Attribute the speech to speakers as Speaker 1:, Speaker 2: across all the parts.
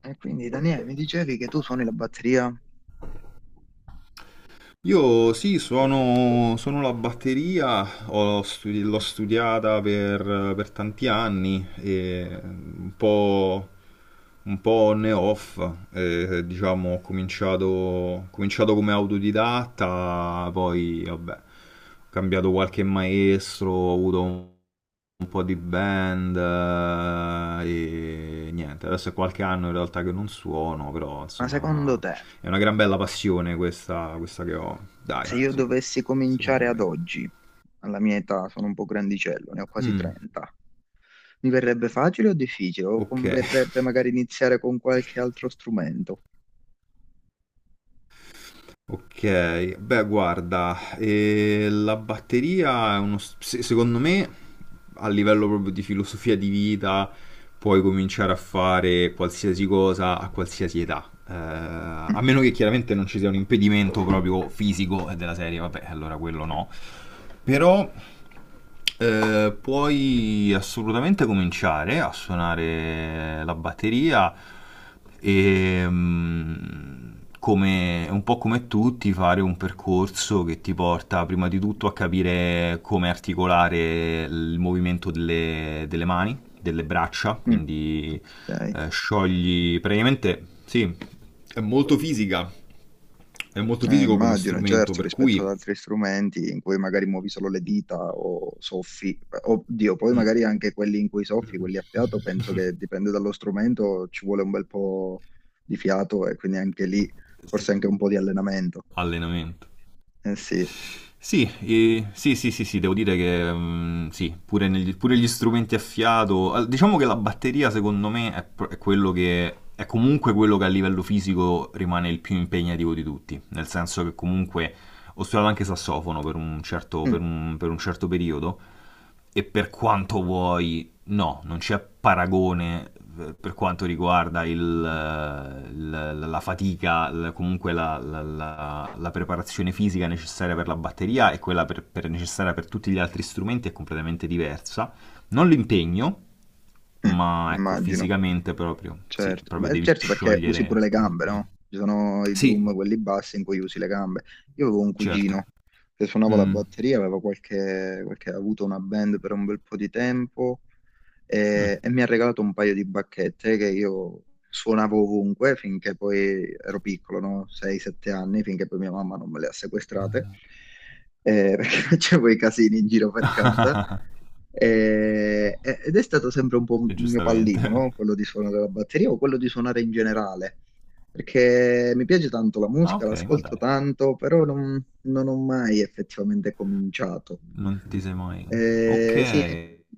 Speaker 1: E quindi Daniele, mi dicevi che tu suoni la batteria,
Speaker 2: Io sì, suono la batteria, l'ho studiata per tanti anni e un po' on e off, diciamo ho cominciato come autodidatta, poi vabbè, ho cambiato qualche maestro, ho avuto un po' di band e niente, adesso è qualche anno in realtà che non suono, però
Speaker 1: ma
Speaker 2: insomma
Speaker 1: secondo te,
Speaker 2: è una gran bella passione questa che ho, dai,
Speaker 1: se io
Speaker 2: sì,
Speaker 1: dovessi cominciare
Speaker 2: secondo
Speaker 1: ad
Speaker 2: me.
Speaker 1: oggi, alla mia età sono un po' grandicello, ne ho quasi
Speaker 2: Mm,
Speaker 1: 30, mi verrebbe facile o difficile? O
Speaker 2: ok.
Speaker 1: converrebbe magari iniziare con qualche altro strumento?
Speaker 2: Ok, beh, guarda, la batteria è uno, s- se- secondo me, a livello proprio di filosofia di vita, puoi cominciare a fare qualsiasi cosa a qualsiasi età.
Speaker 1: Mm,
Speaker 2: A meno che chiaramente non ci sia un impedimento proprio fisico della serie, vabbè, allora quello no. Però puoi assolutamente cominciare a suonare la batteria e un po' come tutti fare un percorso che ti porta prima di tutto a capire come articolare il movimento delle mani, delle braccia,
Speaker 1: mm,
Speaker 2: quindi
Speaker 1: ok.
Speaker 2: sciogli praticamente, sì, è molto fisica, è molto
Speaker 1: Eh,
Speaker 2: fisico come
Speaker 1: immagino,
Speaker 2: strumento,
Speaker 1: certo,
Speaker 2: per
Speaker 1: rispetto ad
Speaker 2: cui...
Speaker 1: altri strumenti in cui magari muovi solo le dita o soffi, oddio, poi
Speaker 2: Mm.
Speaker 1: magari anche quelli in cui soffi, quelli a fiato, penso che dipende dallo strumento, ci vuole un bel po' di fiato e quindi anche lì
Speaker 2: Sì,
Speaker 1: forse anche un po' di allenamento.
Speaker 2: allenamento.
Speaker 1: Eh sì,
Speaker 2: Sì, sì, sì, sì, sì, devo dire che sì, pure, pure gli strumenti a fiato. Diciamo che la batteria, secondo me, è quello che è comunque quello che a livello fisico rimane il più impegnativo di tutti. Nel senso che comunque ho studiato anche sassofono
Speaker 1: mm,
Speaker 2: per un certo periodo. E per quanto vuoi, no, non c'è paragone per quanto riguarda la fatica, comunque la preparazione fisica necessaria per la batteria e quella necessaria per tutti gli altri strumenti è completamente diversa. Non l'impegno,
Speaker 1: mm,
Speaker 2: ma ecco,
Speaker 1: immagino,
Speaker 2: fisicamente proprio, sì,
Speaker 1: certo,
Speaker 2: proprio
Speaker 1: ma
Speaker 2: devi
Speaker 1: certo perché usi pure
Speaker 2: sciogliere.
Speaker 1: le gambe,
Speaker 2: Mm,
Speaker 1: no? Ci sono i
Speaker 2: sì,
Speaker 1: drum, quelli bassi in cui usi le gambe. Io avevo un
Speaker 2: certo.
Speaker 1: cugino che suonava la
Speaker 2: Mm,
Speaker 1: batteria, aveva qualche, ha avuto una band per un bel po' di tempo.
Speaker 2: mm,
Speaker 1: E mi ha regalato un paio di bacchette che io suonavo ovunque finché poi ero piccolo, no? 6-7 anni, finché poi mia mamma non me le ha sequestrate, perché facevo i casini in giro per casa. Ed è stato sempre un po' un
Speaker 2: e
Speaker 1: mio
Speaker 2: giustamente.
Speaker 1: pallino, no? Quello di suonare la batteria o quello di suonare in generale, perché mi piace tanto la
Speaker 2: Ah,
Speaker 1: musica,
Speaker 2: ok, ma
Speaker 1: l'ascolto
Speaker 2: dai,
Speaker 1: tanto, però non ho mai effettivamente cominciato.
Speaker 2: non ti sei mai... Ok,
Speaker 1: Sì,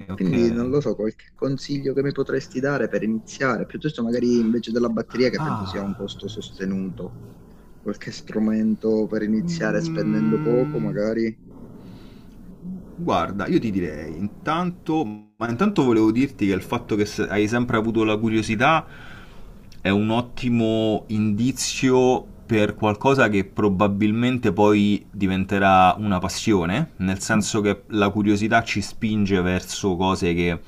Speaker 2: ok.
Speaker 1: quindi non lo so, qualche consiglio che mi potresti dare per iniziare, piuttosto magari invece della batteria che penso sia un
Speaker 2: Ah,
Speaker 1: costo
Speaker 2: sì.
Speaker 1: sostenuto, qualche strumento per iniziare spendendo poco
Speaker 2: Mm,
Speaker 1: magari?
Speaker 2: guarda, io ti direi, intanto, ma intanto volevo dirti che il fatto che hai sempre avuto la curiosità è un ottimo indizio per qualcosa che probabilmente poi diventerà una passione, nel
Speaker 1: Mm,
Speaker 2: senso che la curiosità ci spinge verso cose che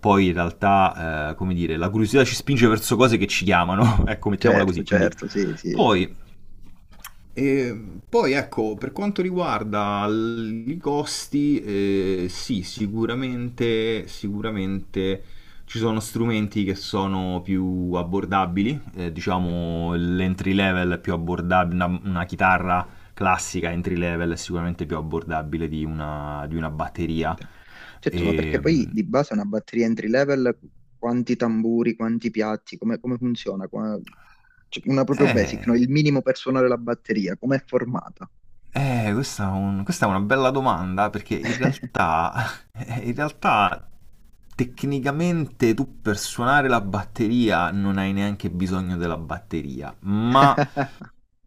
Speaker 2: poi in realtà, come dire, la curiosità ci spinge verso cose che ci chiamano, ecco, mettiamola
Speaker 1: certo,
Speaker 2: così, quindi
Speaker 1: certo, sì, sì.
Speaker 2: poi E poi ecco, per quanto riguarda i costi, sì, sicuramente, sicuramente ci sono strumenti che sono più abbordabili, diciamo l'entry level è più abbordabile, una chitarra classica entry level è sicuramente più abbordabile di di una batteria.
Speaker 1: Certo, ma perché
Speaker 2: E,
Speaker 1: poi di base una batteria entry level, quanti tamburi, quanti piatti, come funziona? Cioè, una proprio basic, no?
Speaker 2: eh,
Speaker 1: Il minimo per suonare la batteria, com'è formata?
Speaker 2: Questa, questa è una bella domanda perché in realtà, in realtà tecnicamente tu per suonare la batteria non hai neanche bisogno della batteria, ma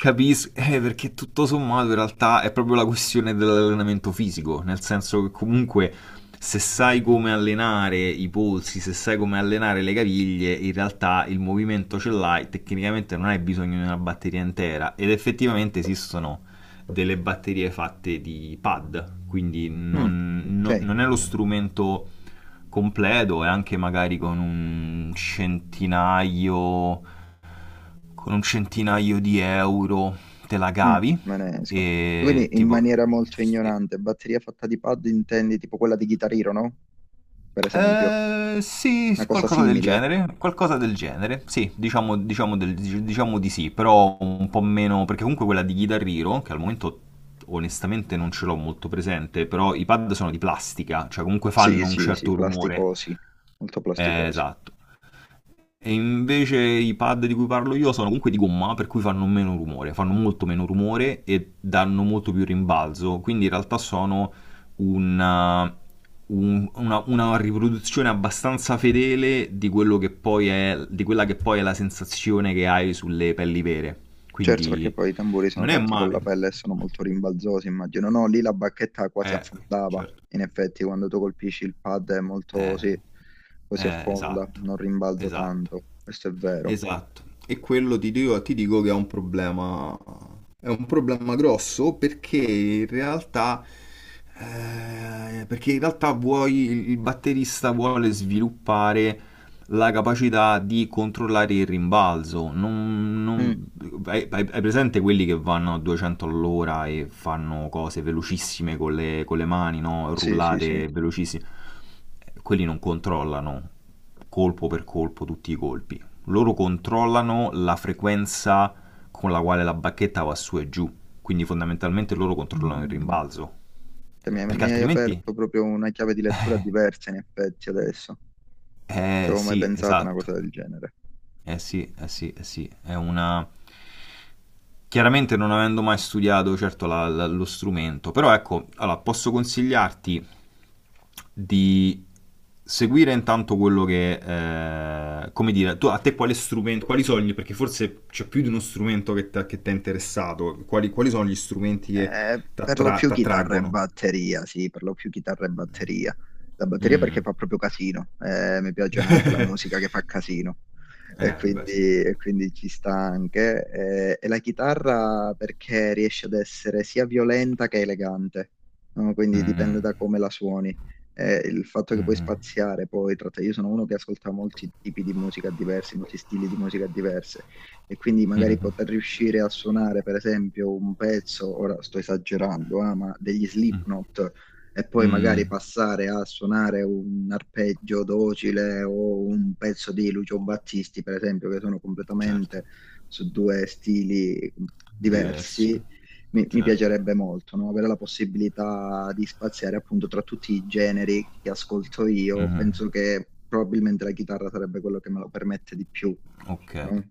Speaker 2: capisco, perché tutto sommato in realtà è proprio la questione dell'allenamento fisico, nel senso che comunque se sai come allenare i polsi, se sai come allenare le caviglie, in realtà il movimento ce l'hai, tecnicamente non hai bisogno di una batteria intera ed effettivamente esistono delle batterie fatte di pad, quindi
Speaker 1: Mm, ok.
Speaker 2: non è lo strumento completo e anche magari con un centinaio di euro te la
Speaker 1: Mm,
Speaker 2: cavi
Speaker 1: me ne esco. E
Speaker 2: e
Speaker 1: quindi in
Speaker 2: tipo...
Speaker 1: maniera molto ignorante, batteria fatta di pad intendi tipo quella di Guitar Hero, no? Per esempio,
Speaker 2: Sì,
Speaker 1: una cosa simile.
Speaker 2: qualcosa del genere, sì, diciamo, diciamo di sì, però un po' meno, perché comunque quella di Guitar Hero, che al momento onestamente non ce l'ho molto presente, però i pad sono di plastica, cioè comunque
Speaker 1: Sì,
Speaker 2: fanno un
Speaker 1: sì, sì,
Speaker 2: certo rumore.
Speaker 1: plasticosi, molto plasticosi.
Speaker 2: Esatto. E invece i pad di cui parlo io sono comunque di gomma, per cui fanno meno rumore, fanno molto meno rumore e danno molto più rimbalzo, quindi in realtà sono una, una riproduzione abbastanza fedele di quello che poi è, di quella che poi è la sensazione che hai sulle pelli vere.
Speaker 1: Certo, perché
Speaker 2: Quindi
Speaker 1: poi i tamburi sono
Speaker 2: non è
Speaker 1: fatti con la
Speaker 2: male.
Speaker 1: pelle e sono molto rimbalzosi, immagino. No, lì la bacchetta quasi
Speaker 2: Eh,
Speaker 1: affondava.
Speaker 2: certo.
Speaker 1: In effetti, quando tu colpisci il pad è molto,
Speaker 2: Eh,
Speaker 1: sì, così affonda,
Speaker 2: esatto,
Speaker 1: non rimbalza
Speaker 2: esatto.
Speaker 1: tanto. Questo è vero.
Speaker 2: Esatto, e quello ti dico che è un problema grosso perché in realtà vuoi, il batterista vuole sviluppare la capacità di controllare il rimbalzo.
Speaker 1: Mm,
Speaker 2: Hai presente quelli che vanno a 200 all'ora e fanno cose velocissime con con le mani, no?
Speaker 1: sì, sì, sì.
Speaker 2: Rullate velocissime. Quelli non controllano colpo per colpo tutti i colpi, loro controllano la frequenza con la quale la bacchetta va su e giù, quindi fondamentalmente loro controllano il
Speaker 1: Mm.
Speaker 2: rimbalzo,
Speaker 1: Cioè, mi
Speaker 2: eh,
Speaker 1: hai,
Speaker 2: perché
Speaker 1: mi hai
Speaker 2: altrimenti...
Speaker 1: aperto proprio una chiave di lettura diversa in effetti adesso. Ci
Speaker 2: Eh
Speaker 1: avevo mai
Speaker 2: sì,
Speaker 1: pensato a una
Speaker 2: esatto.
Speaker 1: cosa del genere.
Speaker 2: Eh sì, eh sì, eh sì, è una... Chiaramente non avendo mai studiato certo lo strumento, però ecco, allora, posso consigliarti di seguire intanto quello che, come dire, tu, a te quale strumento, quali sono gli, perché forse c'è più di uno strumento che t'ha interessato, quali, quali sono gli strumenti che ti
Speaker 1: Per lo più chitarra e
Speaker 2: attraggono?
Speaker 1: batteria, sì, per lo più chitarra e batteria. La batteria perché
Speaker 2: Mm.
Speaker 1: fa proprio casino, mi piace anche la musica che fa casino, e
Speaker 2: Beh,
Speaker 1: quindi,
Speaker 2: sì.
Speaker 1: e quindi ci sta anche. E la chitarra perché riesce ad essere sia violenta che elegante, no? Quindi dipende da
Speaker 2: Mm,
Speaker 1: come la suoni. Il fatto che puoi
Speaker 2: mm,
Speaker 1: spaziare poi, io sono uno che ascolta molti tipi di musica diversi, molti stili di musica diversi e quindi magari poter riuscire a suonare, per esempio, un pezzo, ora sto esagerando, ah, ma degli Slipknot, e poi magari
Speaker 2: mm,
Speaker 1: passare a suonare un arpeggio docile o un pezzo di Lucio Battisti, per esempio, che sono
Speaker 2: certo,
Speaker 1: completamente su due stili
Speaker 2: diversi.
Speaker 1: diversi. Mi
Speaker 2: Certo.
Speaker 1: piacerebbe molto, no? Avere la possibilità di spaziare appunto tra tutti i generi che ascolto io.
Speaker 2: Mhm,
Speaker 1: Penso che probabilmente la chitarra sarebbe quello che me lo permette di più, no?
Speaker 2: ok.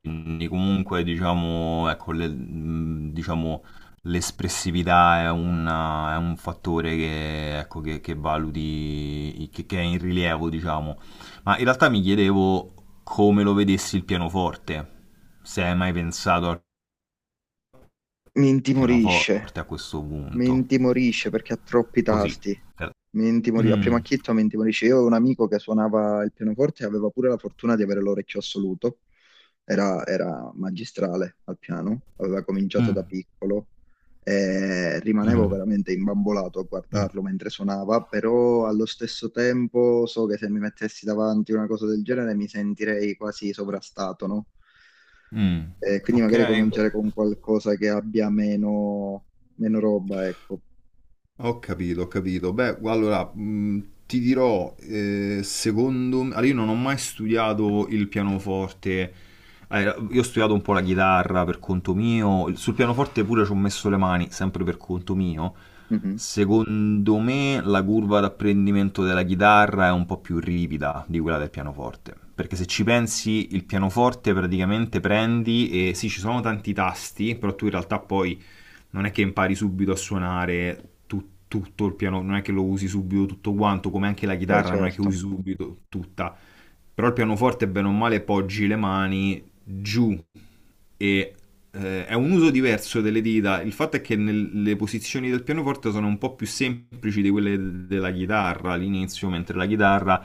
Speaker 2: Quindi comunque diciamo, ecco, diciamo, l'espressività è un fattore che, ecco, che valuti, che è in rilievo, diciamo. Ma in realtà mi chiedevo come lo vedessi il pianoforte, se hai mai pensato al
Speaker 1: Mi intimorisce,
Speaker 2: pianoforte a questo
Speaker 1: mi
Speaker 2: punto.
Speaker 1: intimorisce perché ha troppi
Speaker 2: Così.
Speaker 1: tasti.
Speaker 2: Eh,
Speaker 1: A primo
Speaker 2: mm,
Speaker 1: acchito mi intimorisce. Io ho un amico che suonava il pianoforte e aveva pure la fortuna di avere l'orecchio assoluto. Era magistrale al piano, aveva cominciato
Speaker 2: mm,
Speaker 1: da piccolo e rimanevo
Speaker 2: mm,
Speaker 1: veramente imbambolato a
Speaker 2: mm,
Speaker 1: guardarlo mentre suonava, però allo stesso tempo so che se mi mettessi davanti una cosa del genere mi sentirei quasi sovrastato, no?
Speaker 2: mm.
Speaker 1: Quindi
Speaker 2: Ok.
Speaker 1: magari cominciare con qualcosa che abbia meno, meno roba, ecco.
Speaker 2: Ho capito, ho capito. Beh, allora, ti dirò, secondo me, allora, io non ho mai studiato il pianoforte, eh, io ho studiato un po' la chitarra per conto mio, sul pianoforte pure ci ho messo le mani, sempre per conto mio.
Speaker 1: Mhm.
Speaker 2: Secondo me la curva d'apprendimento della chitarra è un po' più ripida di quella del pianoforte, perché se ci pensi il pianoforte praticamente prendi e sì, ci sono tanti tasti, però tu in realtà poi non è che impari subito a suonare tutto il piano, non è che lo usi subito tutto quanto, come anche la
Speaker 1: Beh,
Speaker 2: chitarra non è che
Speaker 1: certo.
Speaker 2: usi subito tutta. Però il pianoforte, bene o male, poggi le mani giù e è un uso diverso delle dita. Il fatto è che le posizioni del pianoforte sono un po' più semplici di quelle della chitarra all'inizio, mentre la chitarra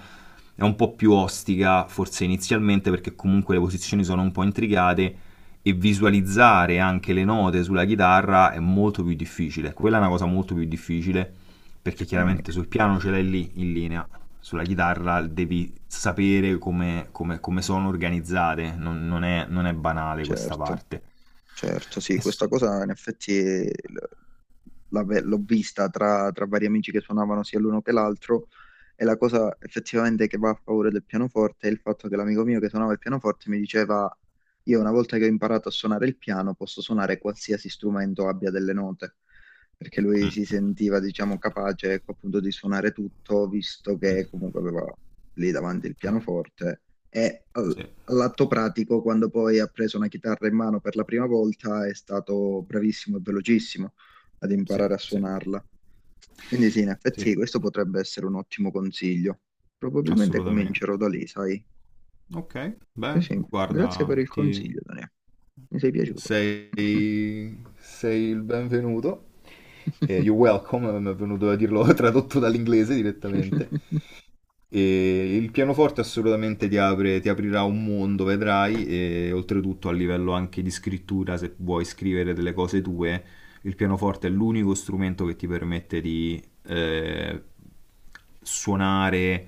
Speaker 2: è un po' più ostica, forse inizialmente, perché comunque le posizioni sono un po' intricate e visualizzare anche le note sulla chitarra è molto più difficile. Quella è una cosa molto più difficile perché
Speaker 1: Eh,
Speaker 2: chiaramente sul piano ce l'hai lì in linea, sulla chitarra devi sapere come sono organizzate, non è, non è banale questa
Speaker 1: certo.
Speaker 2: parte.
Speaker 1: Certo,
Speaker 2: E
Speaker 1: sì,
Speaker 2: s-
Speaker 1: questa cosa in effetti l'ho vista tra, vari amici che suonavano sia l'uno che l'altro e la cosa effettivamente che va a favore del pianoforte è il fatto che l'amico mio che suonava il pianoforte mi diceva io una volta che ho imparato a suonare il piano posso suonare qualsiasi strumento abbia delle note, perché lui si
Speaker 2: Mm,
Speaker 1: sentiva diciamo capace ecco, appunto di suonare tutto visto che
Speaker 2: mm.
Speaker 1: comunque aveva lì davanti il
Speaker 2: Sì,
Speaker 1: pianoforte e eh,
Speaker 2: sì,
Speaker 1: all'atto pratico, quando poi ha preso una chitarra in mano per la prima volta, è stato bravissimo e velocissimo ad
Speaker 2: sì,
Speaker 1: imparare a
Speaker 2: sì,
Speaker 1: suonarla. Quindi sì, in effetti
Speaker 2: sì,
Speaker 1: questo potrebbe essere un ottimo consiglio. Probabilmente comincerò
Speaker 2: assolutamente.
Speaker 1: da lì, sai?
Speaker 2: Ok, beh,
Speaker 1: Sì, sì,
Speaker 2: guarda,
Speaker 1: grazie per il
Speaker 2: ti...
Speaker 1: consiglio, Daniele. Mi sei piaciuto.
Speaker 2: Sei... sei il benvenuto. Eh, You're Welcome, mi è venuto a dirlo tradotto dall'inglese direttamente. E il pianoforte assolutamente ti apre, ti aprirà un mondo, vedrai, e oltretutto a livello anche di scrittura, se vuoi scrivere delle cose tue, il pianoforte è l'unico strumento che ti permette di eh, suonare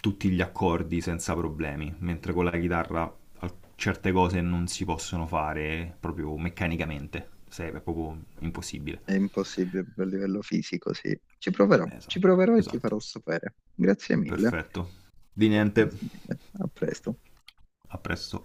Speaker 2: tutti gli accordi senza problemi, mentre con la chitarra certe cose non si possono fare proprio meccanicamente, se è proprio impossibile.
Speaker 1: È impossibile a livello fisico, sì. Ci
Speaker 2: Esatto,
Speaker 1: proverò e ti
Speaker 2: esatto.
Speaker 1: farò sapere. Grazie mille.
Speaker 2: Perfetto. Di niente.
Speaker 1: Grazie mille. A presto.
Speaker 2: A presto.